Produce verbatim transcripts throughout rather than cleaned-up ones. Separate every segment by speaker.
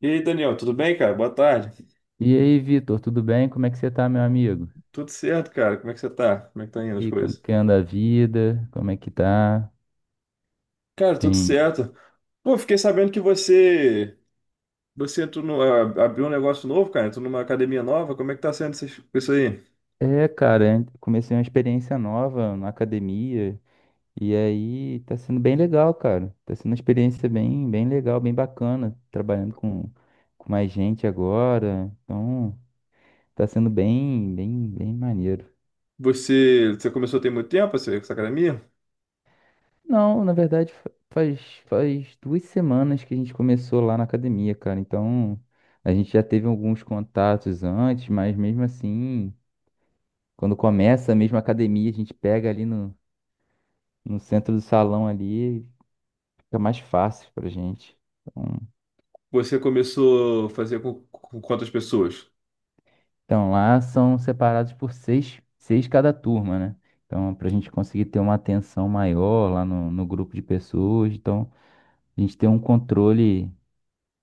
Speaker 1: E aí, Daniel, tudo bem, cara? Boa tarde.
Speaker 2: E aí, Vitor, tudo bem? Como é que você tá, meu amigo?
Speaker 1: Tudo certo, cara? Como é que você tá? Como é que tá indo as
Speaker 2: E como
Speaker 1: coisas?
Speaker 2: que anda a vida? Como é que tá?
Speaker 1: Cara, tudo
Speaker 2: Tem.
Speaker 1: certo. Pô, fiquei sabendo que você você entrou no, a- abriu um negócio novo, cara. Entrou numa academia nova. Como é que tá sendo essas- isso aí?
Speaker 2: É, cara, eu comecei uma experiência nova na academia e aí tá sendo bem legal, cara. Tá sendo uma experiência bem, bem legal, bem bacana, trabalhando com, com mais gente agora. Então, tá sendo bem, bem, bem maneiro.
Speaker 1: Você, você começou tem muito tempo essa, essa academia?
Speaker 2: Não, na verdade fa- faz, faz duas semanas que a gente começou lá na academia, cara. Então a gente já teve alguns contatos antes, mas mesmo assim, quando começa a mesma academia, a gente pega ali no, no centro do salão ali, fica mais fácil pra gente. Então,
Speaker 1: Você começou a fazer com, com quantas pessoas?
Speaker 2: então lá são separados por seis, seis cada turma, né? Então pra gente conseguir ter uma atenção maior lá no, no grupo de pessoas, então a gente tem um controle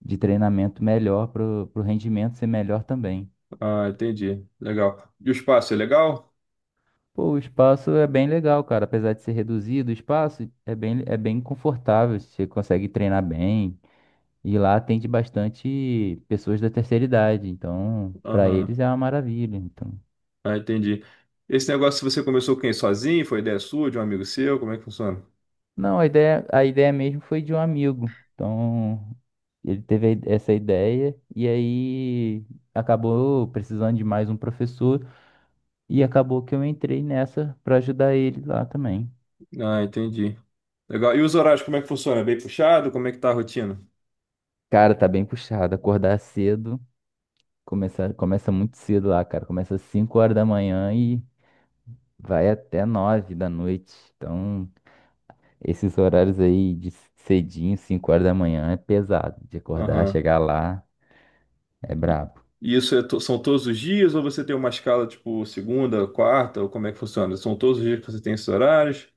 Speaker 2: de treinamento melhor para o rendimento ser melhor também.
Speaker 1: Ah, entendi. Legal. E o espaço é legal?
Speaker 2: Pô, o espaço é bem legal, cara. Apesar de ser reduzido, o espaço é bem, é bem confortável. Você consegue treinar bem. E lá atende bastante pessoas da terceira idade. Então, para
Speaker 1: Aham.
Speaker 2: eles é uma maravilha. Então,
Speaker 1: Ah, entendi. Esse negócio você começou com quem? Sozinho? Foi ideia sua, de um amigo seu? Como é que funciona?
Speaker 2: não, a ideia, a ideia mesmo foi de um amigo. Então, ele teve a ide- essa ideia e aí acabou precisando de mais um professor e acabou que eu entrei nessa para ajudar ele lá também.
Speaker 1: Ah, entendi. Legal. E os horários, como é que funciona? É bem puxado? Como é que tá a rotina?
Speaker 2: Cara, tá bem puxado. Acordar cedo, começa, começa muito cedo lá, cara. Começa às cinco horas da manhã e vai até nove da noite. Então, esses horários aí de cedinho, cinco horas da manhã, é pesado. De acordar,
Speaker 1: Aham.
Speaker 2: chegar lá, é
Speaker 1: E
Speaker 2: brabo.
Speaker 1: e isso é to- são todos os dias ou você tem uma escala tipo segunda, quarta, ou como é que funciona? São todos os dias que você tem esses horários?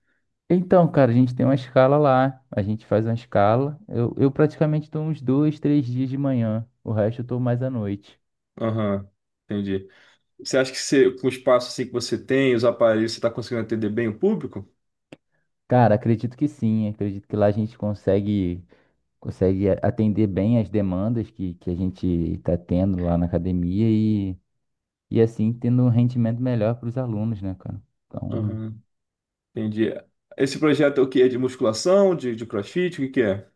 Speaker 2: Então, cara, a gente tem uma escala lá. A gente faz uma escala. Eu, eu praticamente tô uns dois, três dias de manhã. O resto eu tô mais à noite.
Speaker 1: Aham, entendi. Você acha que você, com o espaço assim que você tem, os aparelhos, você está conseguindo atender bem o público?
Speaker 2: Cara, acredito que sim. Acredito que lá a gente consegue. consegue a- atender bem as demandas que, que a gente está tendo lá na academia e, e assim tendo um rendimento melhor para os alunos, né, cara? Então,
Speaker 1: Aham, entendi. Esse projeto é o quê? É de musculação, de, de CrossFit, o que que é?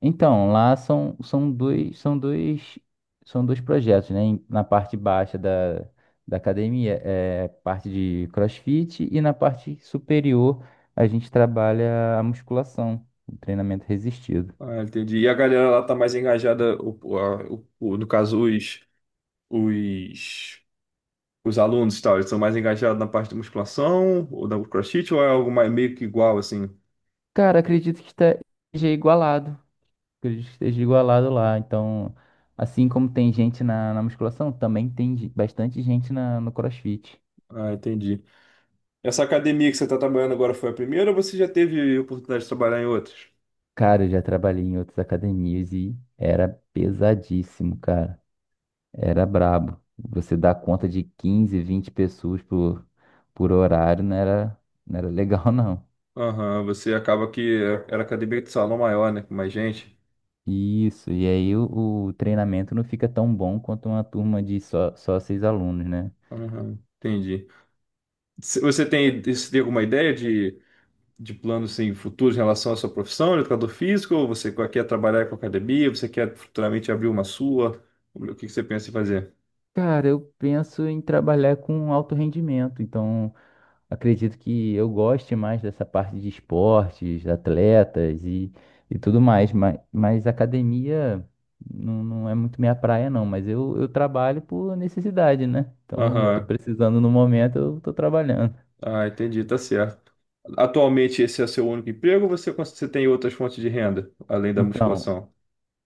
Speaker 2: então lá são, são dois, são dois, são dois projetos, né? Em- Na parte baixa da, da academia é parte de CrossFit e na parte superior a gente trabalha a musculação, o treinamento resistido.
Speaker 1: Ah, entendi. E a galera lá tá mais engajada, o, o, a- o- o- no caso, os, os os alunos, e tal, eles são mais engajados na parte de musculação ou da CrossFit ou é algo mais, meio que igual, assim?
Speaker 2: Cara, acredito que está- esteja igualado. Acredito que ele esteja igualado lá. Então, assim como tem gente na, na musculação, também tem ge- bastante gente na, no CrossFit.
Speaker 1: Ah, entendi. Essa academia que você está trabalhando agora foi a primeira ou você já teve oportunidade de trabalhar em outras?
Speaker 2: Cara, eu já trabalhei em outras academias e era pesadíssimo, cara. Era brabo. Você dar conta de quinze, vinte pessoas por, por horário não era, não era legal, não.
Speaker 1: Aham, você acaba que era academia de salão maior, né? Com mais gente.
Speaker 2: Isso, e aí o, o treinamento não fica tão bom quanto uma turma de só, só seis alunos, né?
Speaker 1: Aham, entendi. Se- Você tem, você tem alguma ideia de, de planos assim, futuros em relação à sua profissão, de educador físico? Ou você quer trabalhar com academia? Você quer futuramente abrir uma sua? O que que você pensa em fazer?
Speaker 2: Cara, eu penso em trabalhar com alto rendimento, então. Acredito que eu goste mais dessa parte de esportes, atletas e, e tudo mais, mas, mas academia não, não é muito minha praia, não. Mas eu, eu trabalho por necessidade, né? Então, eu tô
Speaker 1: Aham,
Speaker 2: precisando no momento, eu tô trabalhando.
Speaker 1: ah, entendi, tá certo. Atualmente esse é seu único emprego ou você, cons- você tem outras fontes de renda, além da
Speaker 2: Então,
Speaker 1: musculação?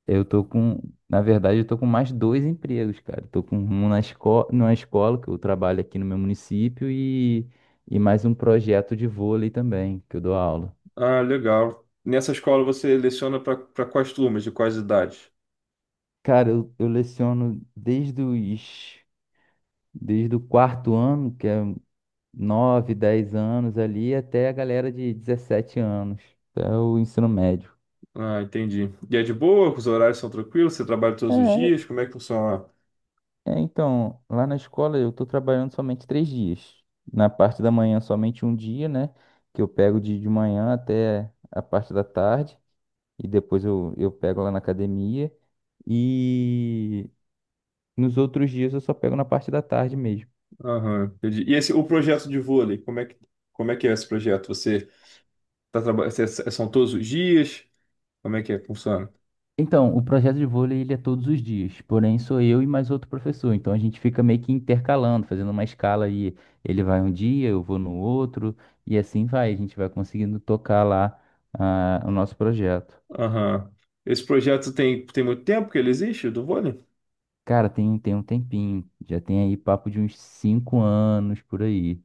Speaker 2: eu tô com, na verdade, eu tô com mais dois empregos, cara. Eu tô com um na escola, numa escola que eu trabalho aqui no meu município e, e mais um projeto de vôlei também, que eu dou aula.
Speaker 1: Ah, legal. Nessa escola você leciona para quais turmas, de quais idades?
Speaker 2: Cara, eu, eu leciono desde os Desde o quarto ano, que é nove, dez anos ali, até a galera de dezessete anos, até o ensino médio.
Speaker 1: Ah, entendi. E é de boa? Os horários são tranquilos? Você trabalha todos os
Speaker 2: É,
Speaker 1: dias? Como é que funciona?
Speaker 2: é, então, lá na escola eu tô trabalhando somente três dias. Na parte da manhã, somente um dia, né? Que eu pego de, de manhã até a parte da tarde, e depois eu, eu pego lá na academia. E nos outros dias eu só pego na parte da tarde mesmo.
Speaker 1: Aham, entendi. E esse, o projeto de vôlei, como é que, como é que é esse projeto? Você tá trabalhando, são todos os dias? Como é que é, que funciona?
Speaker 2: Então, o projeto de vôlei ele é todos os dias, porém sou eu e mais outro professor. Então a gente fica meio que intercalando, fazendo uma escala aí. Ele vai um dia, eu vou no outro, e assim vai. A gente vai conseguindo tocar lá ah, o nosso projeto.
Speaker 1: Aham. Esse projeto tem, tem muito tempo que ele existe, do vôlei?
Speaker 2: Cara, tem, tem um tempinho, já tem aí papo de uns cinco anos por aí.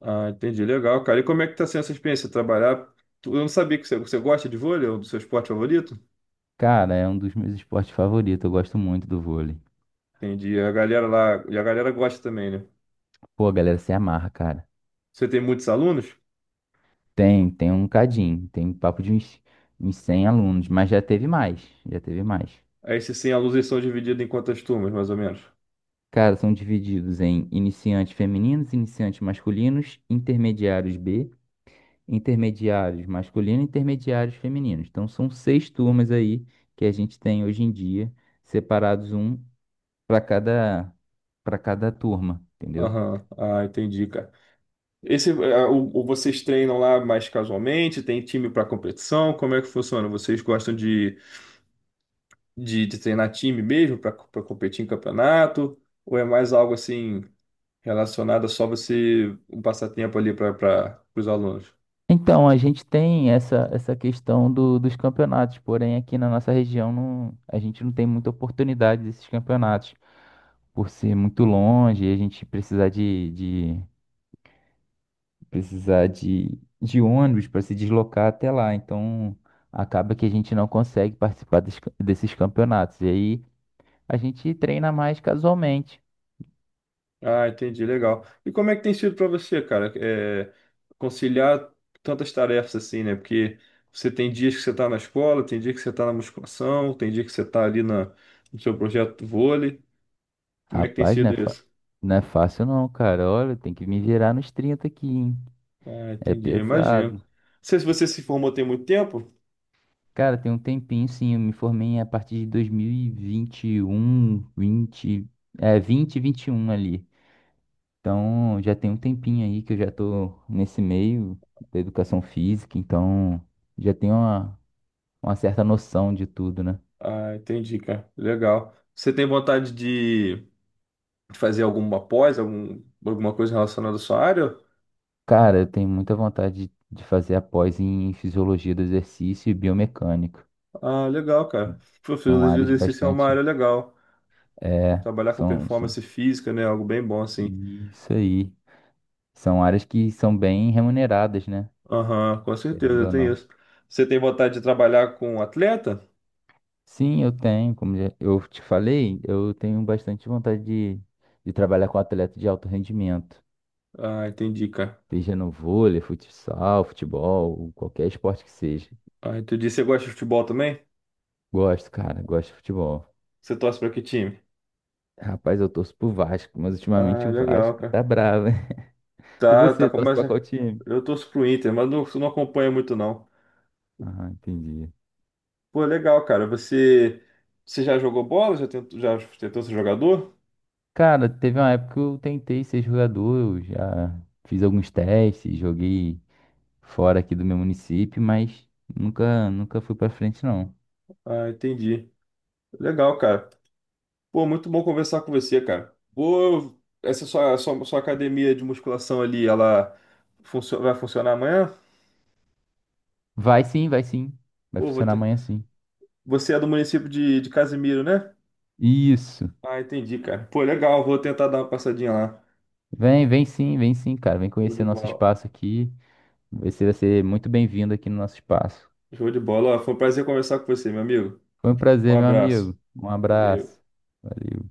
Speaker 1: Ah, entendi. Legal, cara. E como é que tá sendo essa experiência? Trabalhar. Tu- Eu não sabia que você, você gosta de vôlei, é o do seu esporte favorito?
Speaker 2: Cara, é um dos meus esportes favoritos, eu gosto muito do vôlei.
Speaker 1: Entendi. A galera lá, e a galera gosta também, né?
Speaker 2: Pô, a galera se amarra, cara.
Speaker 1: Você tem muitos alunos?
Speaker 2: Tem, tem um cadinho, tem papo de uns, uns cem alunos, mas já teve mais, já teve mais.
Speaker 1: Aí, se sim, alunos eles são divididos em quantas turmas, mais ou menos?
Speaker 2: Cara, são divididos em iniciantes femininos, iniciantes masculinos, intermediários B, intermediários masculinos, intermediários femininos. Então são seis turmas aí que a gente tem hoje em dia, separados um para cada para cada turma, entendeu?
Speaker 1: Aham, ah, entendi, cara. Esse, ah, o, o- Vocês treinam lá mais casualmente? Tem time para competição? Como é que funciona? Vocês gostam de de, de treinar time mesmo para competir em campeonato? Ou é mais algo assim relacionado a só você um passatempo ali para os alunos?
Speaker 2: Então a gente tem essa essa questão do- dos campeonatos, porém aqui na nossa região não, a gente não tem muita oportunidade desses campeonatos por ser muito longe e a gente precisar de precisar de, de ônibus para se deslocar até lá. Então, acaba que a gente não consegue participar des- desses campeonatos. E aí, a gente treina mais casualmente.
Speaker 1: Ah, entendi, legal. E como é que tem sido para você, cara, é, conciliar tantas tarefas assim, né? Porque você tem dias que você está na escola, tem dia que você está na musculação, tem dia que você está ali na, no seu projeto do vôlei. Como é que tem
Speaker 2: Rapaz, não
Speaker 1: sido
Speaker 2: é, fa-
Speaker 1: isso?
Speaker 2: não é fácil não, cara. Olha, tem que me virar nos trinta aqui, hein?
Speaker 1: Ah,
Speaker 2: É
Speaker 1: entendi, imagino. Não
Speaker 2: pesado.
Speaker 1: sei se você se formou tem muito tempo.
Speaker 2: Cara, tem um tempinho sim, eu me formei a partir de dois mil e vinte e um, vinte, é, vinte, vinte e um ali. Então, já tem um tempinho aí que eu já tô nesse meio da educação física, então já tenho uma, uma certa noção de tudo, né?
Speaker 1: Ah, entendi, cara. Legal. Você tem vontade de de fazer alguma pós, algum, alguma coisa relacionada à sua área?
Speaker 2: Cara, eu tenho muita vontade de de fazer a pós em fisiologia do exercício e biomecânica.
Speaker 1: Ah, legal, cara.
Speaker 2: Então,
Speaker 1: Pô,
Speaker 2: são
Speaker 1: fisiologia do
Speaker 2: áreas
Speaker 1: exercício é uma
Speaker 2: bastante.
Speaker 1: área legal.
Speaker 2: É,
Speaker 1: Trabalhar com
Speaker 2: são, são.
Speaker 1: performance física, né? Algo bem bom, assim.
Speaker 2: Isso aí. São áreas que são bem remuneradas, né?
Speaker 1: Aham, com
Speaker 2: Querendo
Speaker 1: certeza,
Speaker 2: ou
Speaker 1: tem
Speaker 2: não.
Speaker 1: isso. Você tem vontade de trabalhar com atleta?
Speaker 2: Sim, eu tenho, como já- eu te falei, eu tenho bastante vontade de, de trabalhar com atleta de alto rendimento.
Speaker 1: Ah, entendi, cara.
Speaker 2: Seja no vôlei, futsal, futebol, qualquer esporte que seja.
Speaker 1: Ah, entendi. Você gosta de futebol também?
Speaker 2: Gosto, cara, gosto de futebol.
Speaker 1: Você torce pra que time?
Speaker 2: Rapaz, eu torço pro Vasco, mas ultimamente
Speaker 1: Ah,
Speaker 2: o
Speaker 1: legal,
Speaker 2: Vasco
Speaker 1: cara.
Speaker 2: tá bravo, hein? E
Speaker 1: Tá, tá,
Speaker 2: você, torce pra qual
Speaker 1: começa.
Speaker 2: time?
Speaker 1: Eu torço pro Inter, mas não, não acompanho muito, não.
Speaker 2: Ah, entendi.
Speaker 1: Pô, legal, cara. Você, você já jogou bola? Já tentou, já tentou ser jogador?
Speaker 2: Cara, teve uma época que eu tentei ser jogador, eu já fiz alguns testes, joguei fora aqui do meu município, mas nunca, nunca fui pra frente, não.
Speaker 1: Ah, entendi. Legal, cara. Pô, muito bom conversar com você, cara. Pô, essa sua, sua, sua academia de musculação ali, ela funcio- vai funcionar amanhã?
Speaker 2: Vai sim, vai sim. Vai
Speaker 1: Pô, vou
Speaker 2: funcionar
Speaker 1: ter...
Speaker 2: amanhã sim.
Speaker 1: Você é do município de, de Casimiro, né?
Speaker 2: Isso.
Speaker 1: Ah, entendi, cara. Pô, legal. Vou tentar dar uma passadinha lá.
Speaker 2: Vem, vem sim, vem sim, cara. Vem
Speaker 1: Show de
Speaker 2: conhecer nosso
Speaker 1: bola.
Speaker 2: espaço aqui. Você vai ser muito bem-vindo aqui no nosso espaço.
Speaker 1: Show de bola. Ó, foi um prazer conversar com você, meu amigo.
Speaker 2: Foi um
Speaker 1: Um
Speaker 2: prazer, meu
Speaker 1: abraço.
Speaker 2: amigo. Um abraço.
Speaker 1: Valeu.
Speaker 2: Valeu.